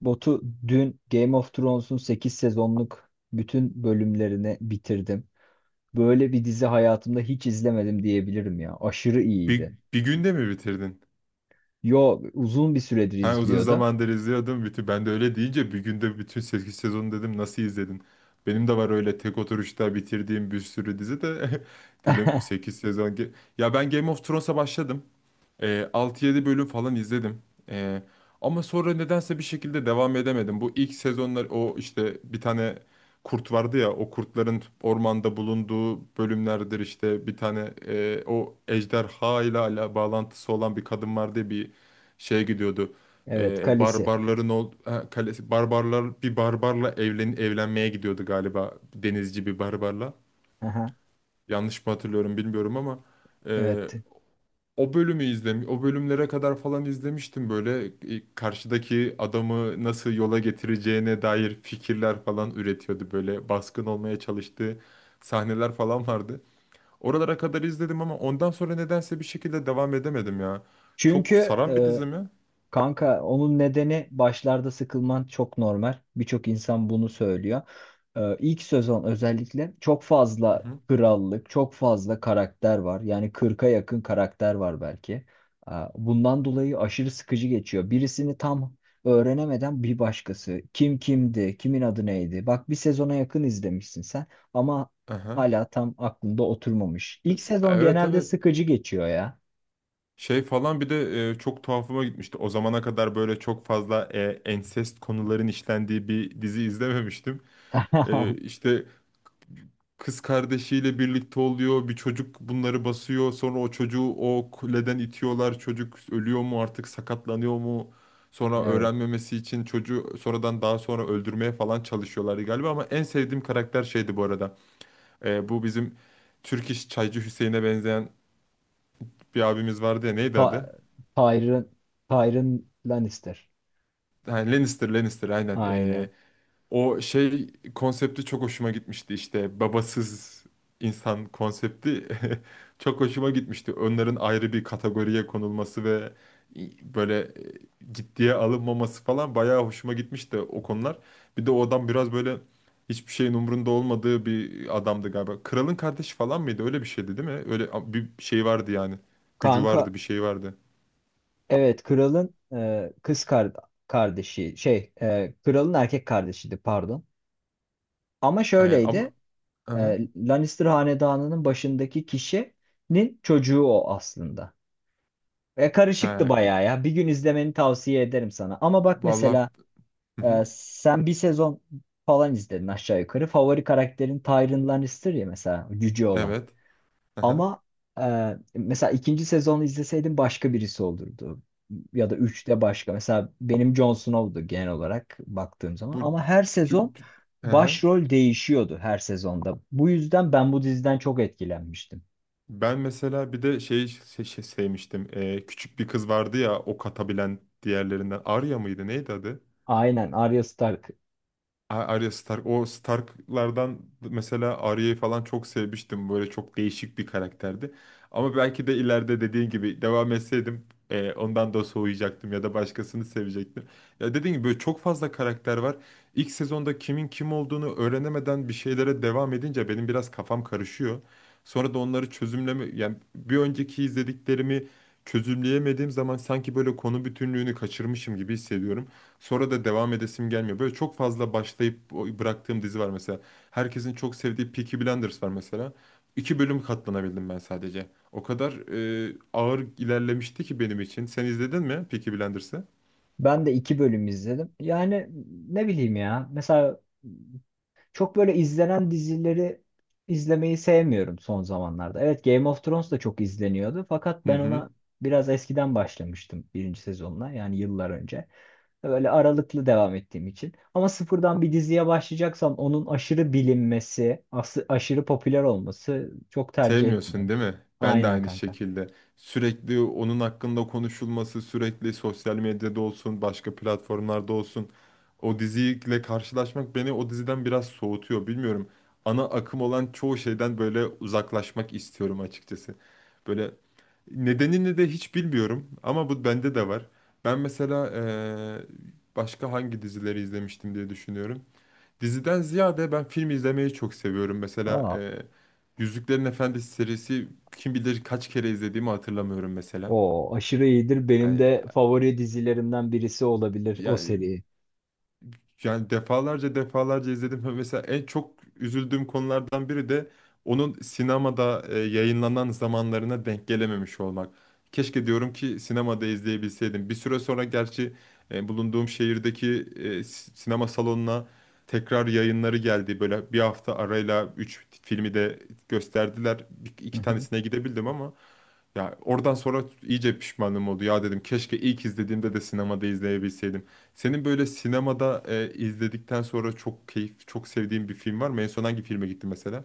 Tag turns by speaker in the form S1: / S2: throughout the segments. S1: Botu dün Game of Thrones'un 8 sezonluk bütün bölümlerini bitirdim. Böyle bir dizi hayatımda hiç izlemedim diyebilirim ya. Aşırı
S2: Bir,
S1: iyiydi.
S2: bir günde mi bitirdin?
S1: Yo, uzun bir süredir
S2: Ha, uzun
S1: izliyordum.
S2: zamandır izliyordum. Ben de öyle deyince bir günde bütün 8 sezonu dedim, nasıl izledin? Benim de var öyle tek oturuşta bitirdiğim bir sürü dizi de dedim 8 sezon. Ya ben Game of Thrones'a başladım. 6-7 bölüm falan izledim. E, ama sonra nedense bir şekilde devam edemedim. Bu ilk sezonlar o, işte bir tane kurt vardı ya, o kurtların ormanda bulunduğu bölümlerdir. İşte bir tane o ejderha ile ala bağlantısı olan bir kadın vardı ya, bir şeye gidiyordu.
S1: Evet, kalesi.
S2: Barbarların ha, kalesi, barbarlar, bir barbarla evlenmeye gidiyordu galiba, denizci bir barbarla.
S1: Aha,
S2: Yanlış mı hatırlıyorum bilmiyorum ama
S1: evet.
S2: o bölümü izlemiş, o bölümlere kadar falan izlemiştim böyle. Karşıdaki adamı nasıl yola getireceğine dair fikirler falan üretiyordu, böyle baskın olmaya çalıştığı sahneler falan vardı. Oralara kadar izledim ama ondan sonra nedense bir şekilde devam edemedim ya. Çok
S1: Çünkü
S2: saran bir
S1: e,
S2: dizi mi?
S1: Kanka, onun nedeni başlarda sıkılman çok normal. Birçok insan bunu söylüyor. İlk sezon özellikle çok
S2: Hı
S1: fazla
S2: hı.
S1: krallık, çok fazla karakter var. Yani 40'a yakın karakter var belki. Bundan dolayı aşırı sıkıcı geçiyor. Birisini tam öğrenemeden bir başkası. Kim kimdi, kimin adı neydi? Bak, bir sezona yakın izlemişsin sen ama
S2: Aha.
S1: hala tam aklında oturmamış.
S2: T-
S1: İlk sezon
S2: Evet,
S1: genelde
S2: evet.
S1: sıkıcı geçiyor ya.
S2: Şey falan, bir de çok tuhafıma gitmişti. O zamana kadar böyle çok fazla ensest konuların işlendiği bir dizi izlememiştim. İşte kız kardeşiyle birlikte oluyor. Bir çocuk bunları basıyor. Sonra o çocuğu o kuleden itiyorlar. Çocuk ölüyor mu artık, sakatlanıyor mu? Sonra
S1: Evet.
S2: öğrenmemesi için çocuğu sonradan, daha sonra öldürmeye falan çalışıyorlardı galiba. Ama en sevdiğim karakter şeydi bu arada. Bu bizim Türk iş Çaycı Hüseyin'e benzeyen bir abimiz vardı ya, neydi
S1: Ta
S2: adı?
S1: Tyrion, Tyrion Lannister.
S2: Ha, Lannister, Lannister aynen.
S1: Aynen.
S2: O şey konsepti çok hoşuma gitmişti, işte babasız insan konsepti çok hoşuma gitmişti. Onların ayrı bir kategoriye konulması ve böyle ciddiye alınmaması falan bayağı hoşuma gitmişti o konular. Bir de o adam biraz böyle hiçbir şeyin umrunda olmadığı bir adamdı galiba. Kralın kardeşi falan mıydı? Öyle bir şeydi değil mi? Öyle bir şey vardı yani. Gücü
S1: Kanka,
S2: vardı, bir şey vardı.
S1: evet, kralın e, kız kar- kardeşi şey kralın erkek kardeşiydi, pardon. Ama şöyleydi,
S2: Ama Aha.
S1: Lannister hanedanının başındaki kişinin çocuğu o aslında. E, karışıktı
S2: He,
S1: bayağı ya. Bir gün izlemeni tavsiye ederim sana. Ama bak
S2: vallahi.
S1: mesela,
S2: Hı hı.
S1: sen bir sezon falan izledin aşağı yukarı. Favori karakterin Tyrion Lannister ya mesela, cüce olan.
S2: Evet. Aha.
S1: Ama mesela ikinci sezonu izleseydim başka birisi olurdu. Ya da üçte başka. Mesela benim Jon Snow'du genel olarak baktığım zaman.
S2: Bu
S1: Ama her
S2: tü-
S1: sezon
S2: tü- Aha.
S1: başrol değişiyordu her sezonda. Bu yüzden ben bu diziden çok etkilenmiştim.
S2: Ben mesela bir de şey sevmiştim. Küçük bir kız vardı ya, ok atabilen diğerlerinden. Arya mıydı? Neydi adı?
S1: Aynen, Arya Stark.
S2: Arya Stark. O Stark'lardan mesela Arya'yı falan çok sevmiştim. Böyle çok değişik bir karakterdi. Ama belki de ileride dediğin gibi devam etseydim ondan da soğuyacaktım ya da başkasını sevecektim. Ya, dediğin gibi böyle çok fazla karakter var. İlk sezonda kimin kim olduğunu öğrenemeden bir şeylere devam edince benim biraz kafam karışıyor. Sonra da onları çözümleme, yani bir önceki izlediklerimi çözümleyemediğim zaman sanki böyle konu bütünlüğünü kaçırmışım gibi hissediyorum. Sonra da devam edesim gelmiyor. Böyle çok fazla başlayıp bıraktığım dizi var mesela. Herkesin çok sevdiği Peaky Blinders var mesela. İki bölüm katlanabildim ben sadece. O kadar ağır ilerlemişti ki benim için. Sen izledin mi Peaky Blinders'ı?
S1: Ben de iki bölüm izledim. Yani ne bileyim ya. Mesela çok böyle izlenen dizileri izlemeyi sevmiyorum son zamanlarda. Evet, Game of Thrones da çok izleniyordu fakat
S2: Hı
S1: ben
S2: hı.
S1: ona biraz eskiden başlamıştım, birinci sezonuna yani, yıllar önce. Böyle aralıklı devam ettiğim için. Ama sıfırdan bir diziye başlayacaksam onun aşırı bilinmesi, aşırı popüler olması çok tercih
S2: Sevmiyorsun
S1: etmiyorum.
S2: değil mi? Ben de
S1: Aynen
S2: aynı
S1: kanka.
S2: şekilde. Sürekli onun hakkında konuşulması, sürekli sosyal medyada olsun, başka platformlarda olsun, o diziyle karşılaşmak beni o diziden biraz soğutuyor. Bilmiyorum. Ana akım olan çoğu şeyden böyle uzaklaşmak istiyorum açıkçası. Böyle nedenini de hiç bilmiyorum ama bu bende de var. Ben mesela başka hangi dizileri izlemiştim diye düşünüyorum. Diziden ziyade ben film izlemeyi çok seviyorum. Mesela
S1: Aa,
S2: Yüzüklerin Efendisi serisi, kim bilir kaç kere izlediğimi hatırlamıyorum mesela.
S1: o aşırı iyidir. Benim
S2: Yani,
S1: de favori dizilerimden birisi olabilir o
S2: ya
S1: seri.
S2: yani defalarca defalarca izledim. Ve mesela en çok üzüldüğüm konulardan biri de onun sinemada yayınlanan zamanlarına denk gelememiş olmak. Keşke diyorum ki sinemada izleyebilseydim. Bir süre sonra gerçi bulunduğum şehirdeki sinema salonuna tekrar yayınları geldi. Böyle bir hafta arayla 3 filmi de gösterdiler.
S1: Hı
S2: İki
S1: hı.
S2: tanesine gidebildim ama ya, oradan sonra iyice pişmanım oldu. Ya, dedim, keşke ilk izlediğimde de sinemada izleyebilseydim. Senin böyle sinemada izledikten sonra çok sevdiğin bir film var mı? En son hangi filme gitti mesela?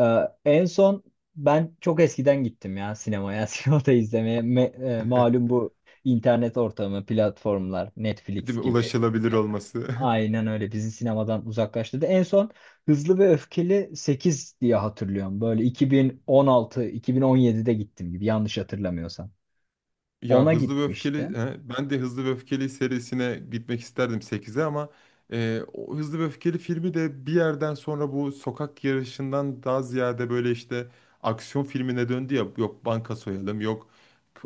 S1: En son ben çok eskiden gittim ya sinemaya, sinemada izlemeye. Malum bu internet ortamı, platformlar, Netflix
S2: Değil mi?
S1: gibi.
S2: Ulaşılabilir
S1: Ya,
S2: olması.
S1: aynen öyle bizi sinemadan uzaklaştırdı. En son Hızlı ve Öfkeli sekiz diye hatırlıyorum. Böyle 2016-2017'de gittim gibi, yanlış hatırlamıyorsam.
S2: Ya,
S1: Ona
S2: Hızlı ve Öfkeli,
S1: gitmiştim.
S2: he, ben de Hızlı ve Öfkeli serisine gitmek isterdim sekize, ama o Hızlı ve Öfkeli filmi de bir yerden sonra bu sokak yarışından daha ziyade böyle işte aksiyon filmine döndü ya. Yok banka soyalım, yok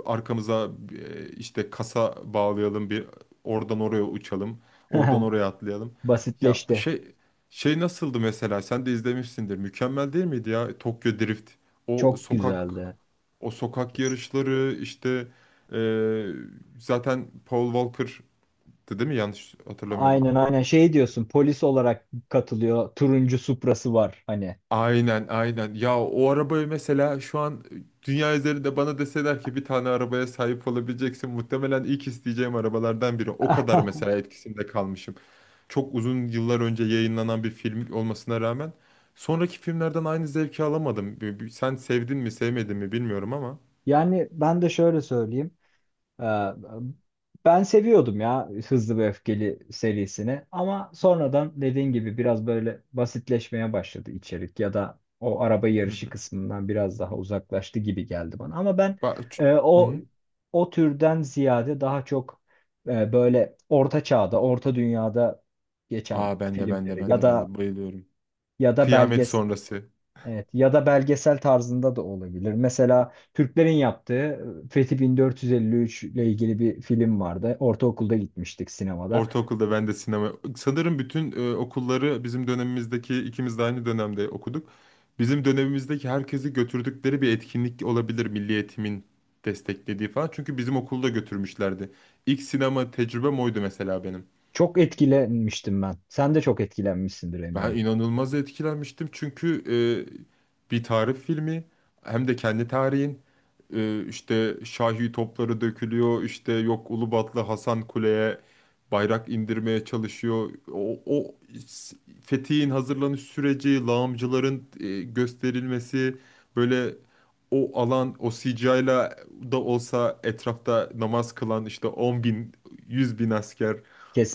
S2: arkamıza işte kasa bağlayalım, bir oradan oraya uçalım, oradan oraya atlayalım. Ya,
S1: Basitleşti.
S2: şey nasıldı mesela? Sen de izlemişsindir. Mükemmel değil miydi ya Tokyo Drift? O
S1: Çok
S2: sokak
S1: güzeldi.
S2: o sokak yarışları, işte ee, zaten Paul Walker'dı değil mi? Yanlış hatırlamıyorum.
S1: Aynen, aynen, şey diyorsun, polis olarak katılıyor, turuncu Supra'sı var hani.
S2: Aynen, aynen. Ya, o arabayı mesela, şu an dünya üzerinde bana deseler ki bir tane arabaya sahip olabileceksin, muhtemelen ilk isteyeceğim arabalardan biri. O kadar mesela etkisinde kalmışım. Çok uzun yıllar önce yayınlanan bir film olmasına rağmen sonraki filmlerden aynı zevki alamadım. Sen sevdin mi, sevmedin mi bilmiyorum ama.
S1: Yani ben de şöyle söyleyeyim. Ee, Ben seviyordum ya Hızlı ve Öfkeli serisini ama sonradan dediğin gibi biraz böyle basitleşmeye başladı içerik ya da o araba
S2: Hı hı.
S1: yarışı kısmından biraz daha uzaklaştı gibi geldi bana. Ama ben
S2: Ba- ç-
S1: e,
S2: hı
S1: o
S2: hı.
S1: o türden ziyade daha çok, böyle orta çağda, orta dünyada geçen
S2: Aa, ben de ben de
S1: filmleri
S2: ben
S1: ya
S2: de ben
S1: da,
S2: de bayılıyorum.
S1: ya da
S2: Kıyamet
S1: belgesel.
S2: sonrası.
S1: Evet, ya da belgesel tarzında da olabilir. Mesela Türklerin yaptığı Fethi 1453 ile ilgili bir film vardı. Ortaokulda gitmiştik sinemada.
S2: Ortaokulda ben de sinema. Sanırım bütün okulları, bizim dönemimizdeki ikimiz de aynı dönemde okuduk. Bizim dönemimizdeki herkesi götürdükleri bir etkinlik olabilir, Milli Eğitim'in desteklediği falan. Çünkü bizim okulda götürmüşlerdi. İlk sinema tecrübem oydu mesela benim.
S1: Çok etkilenmiştim ben. Sen de çok etkilenmişsindir
S2: Ben
S1: eminim.
S2: inanılmaz etkilenmiştim çünkü bir tarih filmi, hem de kendi tarihin. İşte Şahi topları dökülüyor, işte yok Ulubatlı Hasan Kule'ye bayrak indirmeye çalışıyor. O s- fethiyin hazırlanış süreci, lağımcıların gösterilmesi, böyle o alan o sicayla da olsa etrafta namaz kılan işte 10 bin 100 bin asker,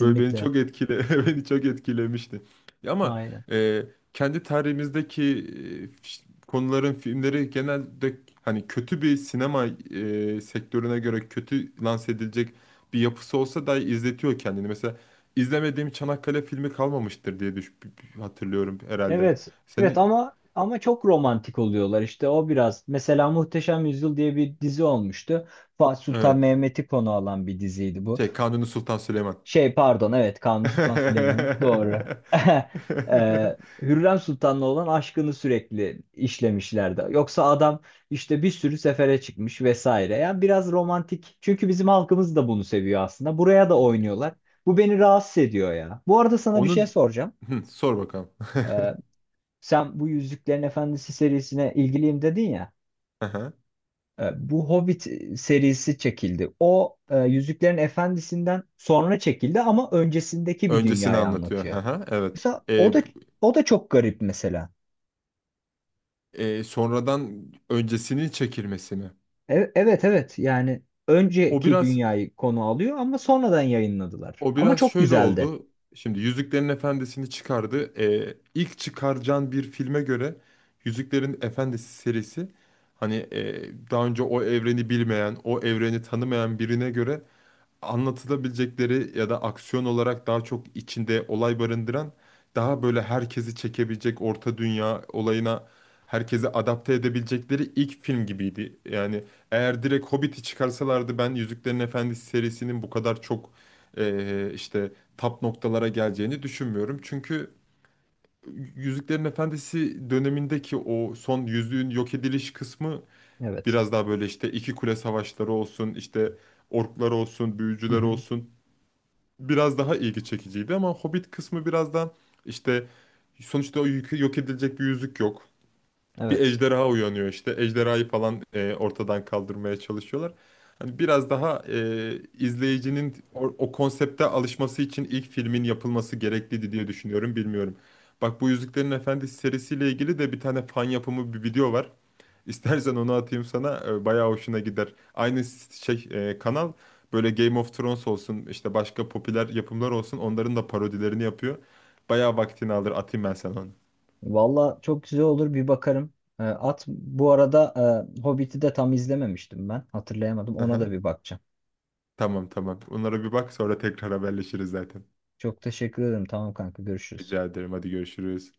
S2: böyle beni çok etkile beni çok etkilemişti. Ya ama
S1: Aynen.
S2: e, kendi tarihimizdeki konuların filmleri genelde, hani, kötü bir sinema sektörüne göre kötü lanse edilecek bir yapısı olsa da izletiyor kendini. Mesela izlemediğim Çanakkale filmi kalmamıştır diye hatırlıyorum herhalde.
S1: Evet, evet,
S2: Senin
S1: ama, ama çok romantik oluyorlar işte o biraz. Mesela Muhteşem Yüzyıl diye bir dizi olmuştu. Fatih Sultan
S2: evet,
S1: Mehmet'i konu alan bir diziydi bu.
S2: şey, Kanuni Sultan Süleyman.
S1: Şey, pardon, evet, Kanuni Sultan Süleyman'ın, doğru. Hürrem Sultan'la olan aşkını sürekli işlemişlerdi. Yoksa adam işte bir sürü sefere çıkmış vesaire. Yani biraz romantik. Çünkü bizim halkımız da bunu seviyor aslında. Buraya da oynuyorlar. Bu beni rahatsız ediyor ya. Bu arada sana bir şey
S2: Onun
S1: soracağım.
S2: Hı, sor bakalım.
S1: Ee, Sen bu Yüzüklerin Efendisi serisine ilgiliyim dedin ya.
S2: Aha.
S1: Bu Hobbit serisi çekildi. O, Yüzüklerin Efendisi'nden sonra çekildi ama öncesindeki bir
S2: Öncesini
S1: dünyayı
S2: anlatıyor.
S1: anlatıyor.
S2: Aha, evet.
S1: Mesela o da çok garip mesela.
S2: Sonradan öncesinin çekilmesini.
S1: Evet, evet, yani
S2: O
S1: önceki
S2: biraz
S1: dünyayı konu alıyor ama sonradan yayınladılar.
S2: o
S1: Ama
S2: biraz
S1: çok
S2: şöyle
S1: güzeldi.
S2: oldu. Şimdi Yüzüklerin Efendisi'ni çıkardı. İlk çıkaracağın bir filme göre Yüzüklerin Efendisi serisi, hani daha önce o evreni bilmeyen, o evreni tanımayan birine göre anlatılabilecekleri ya da aksiyon olarak daha çok içinde olay barındıran, daha böyle herkesi çekebilecek orta dünya olayına herkesi adapte edebilecekleri ilk film gibiydi. Yani eğer direkt Hobbit'i çıkarsalardı, ben Yüzüklerin Efendisi serisinin bu kadar çok işte tap noktalara geleceğini düşünmüyorum. Çünkü Yüzüklerin Efendisi dönemindeki o son yüzüğün yok ediliş kısmı
S1: Evet.
S2: biraz daha böyle, işte iki kule savaşları olsun, işte orklar olsun,
S1: Hı
S2: büyücüler
S1: hı.
S2: olsun, biraz daha ilgi çekiciydi. Ama Hobbit kısmı biraz da işte, sonuçta o yok edilecek bir yüzük yok. Bir
S1: Evet.
S2: ejderha uyanıyor işte. Ejderhayı falan ortadan kaldırmaya çalışıyorlar. Hani biraz daha izleyicinin o konsepte alışması için ilk filmin yapılması gerekliydi diye düşünüyorum. Bilmiyorum. Bak, bu Yüzüklerin Efendisi serisiyle ilgili de bir tane fan yapımı bir video var. İstersen onu atayım sana. Bayağı hoşuna gider. Aynı şey, kanal böyle, Game of Thrones olsun, işte başka popüler yapımlar olsun, onların da parodilerini yapıyor. Bayağı vaktini alır, atayım ben sana onu.
S1: Valla çok güzel olur, bir bakarım. E, at bu arada. Hobbit'i de tam izlememiştim ben. Hatırlayamadım. Ona da
S2: Aha.
S1: bir bakacağım.
S2: Tamam, tamam. Onlara bir bak, sonra tekrar haberleşiriz zaten.
S1: Çok teşekkür ederim. Tamam kanka, görüşürüz.
S2: Rica ederim, hadi görüşürüz.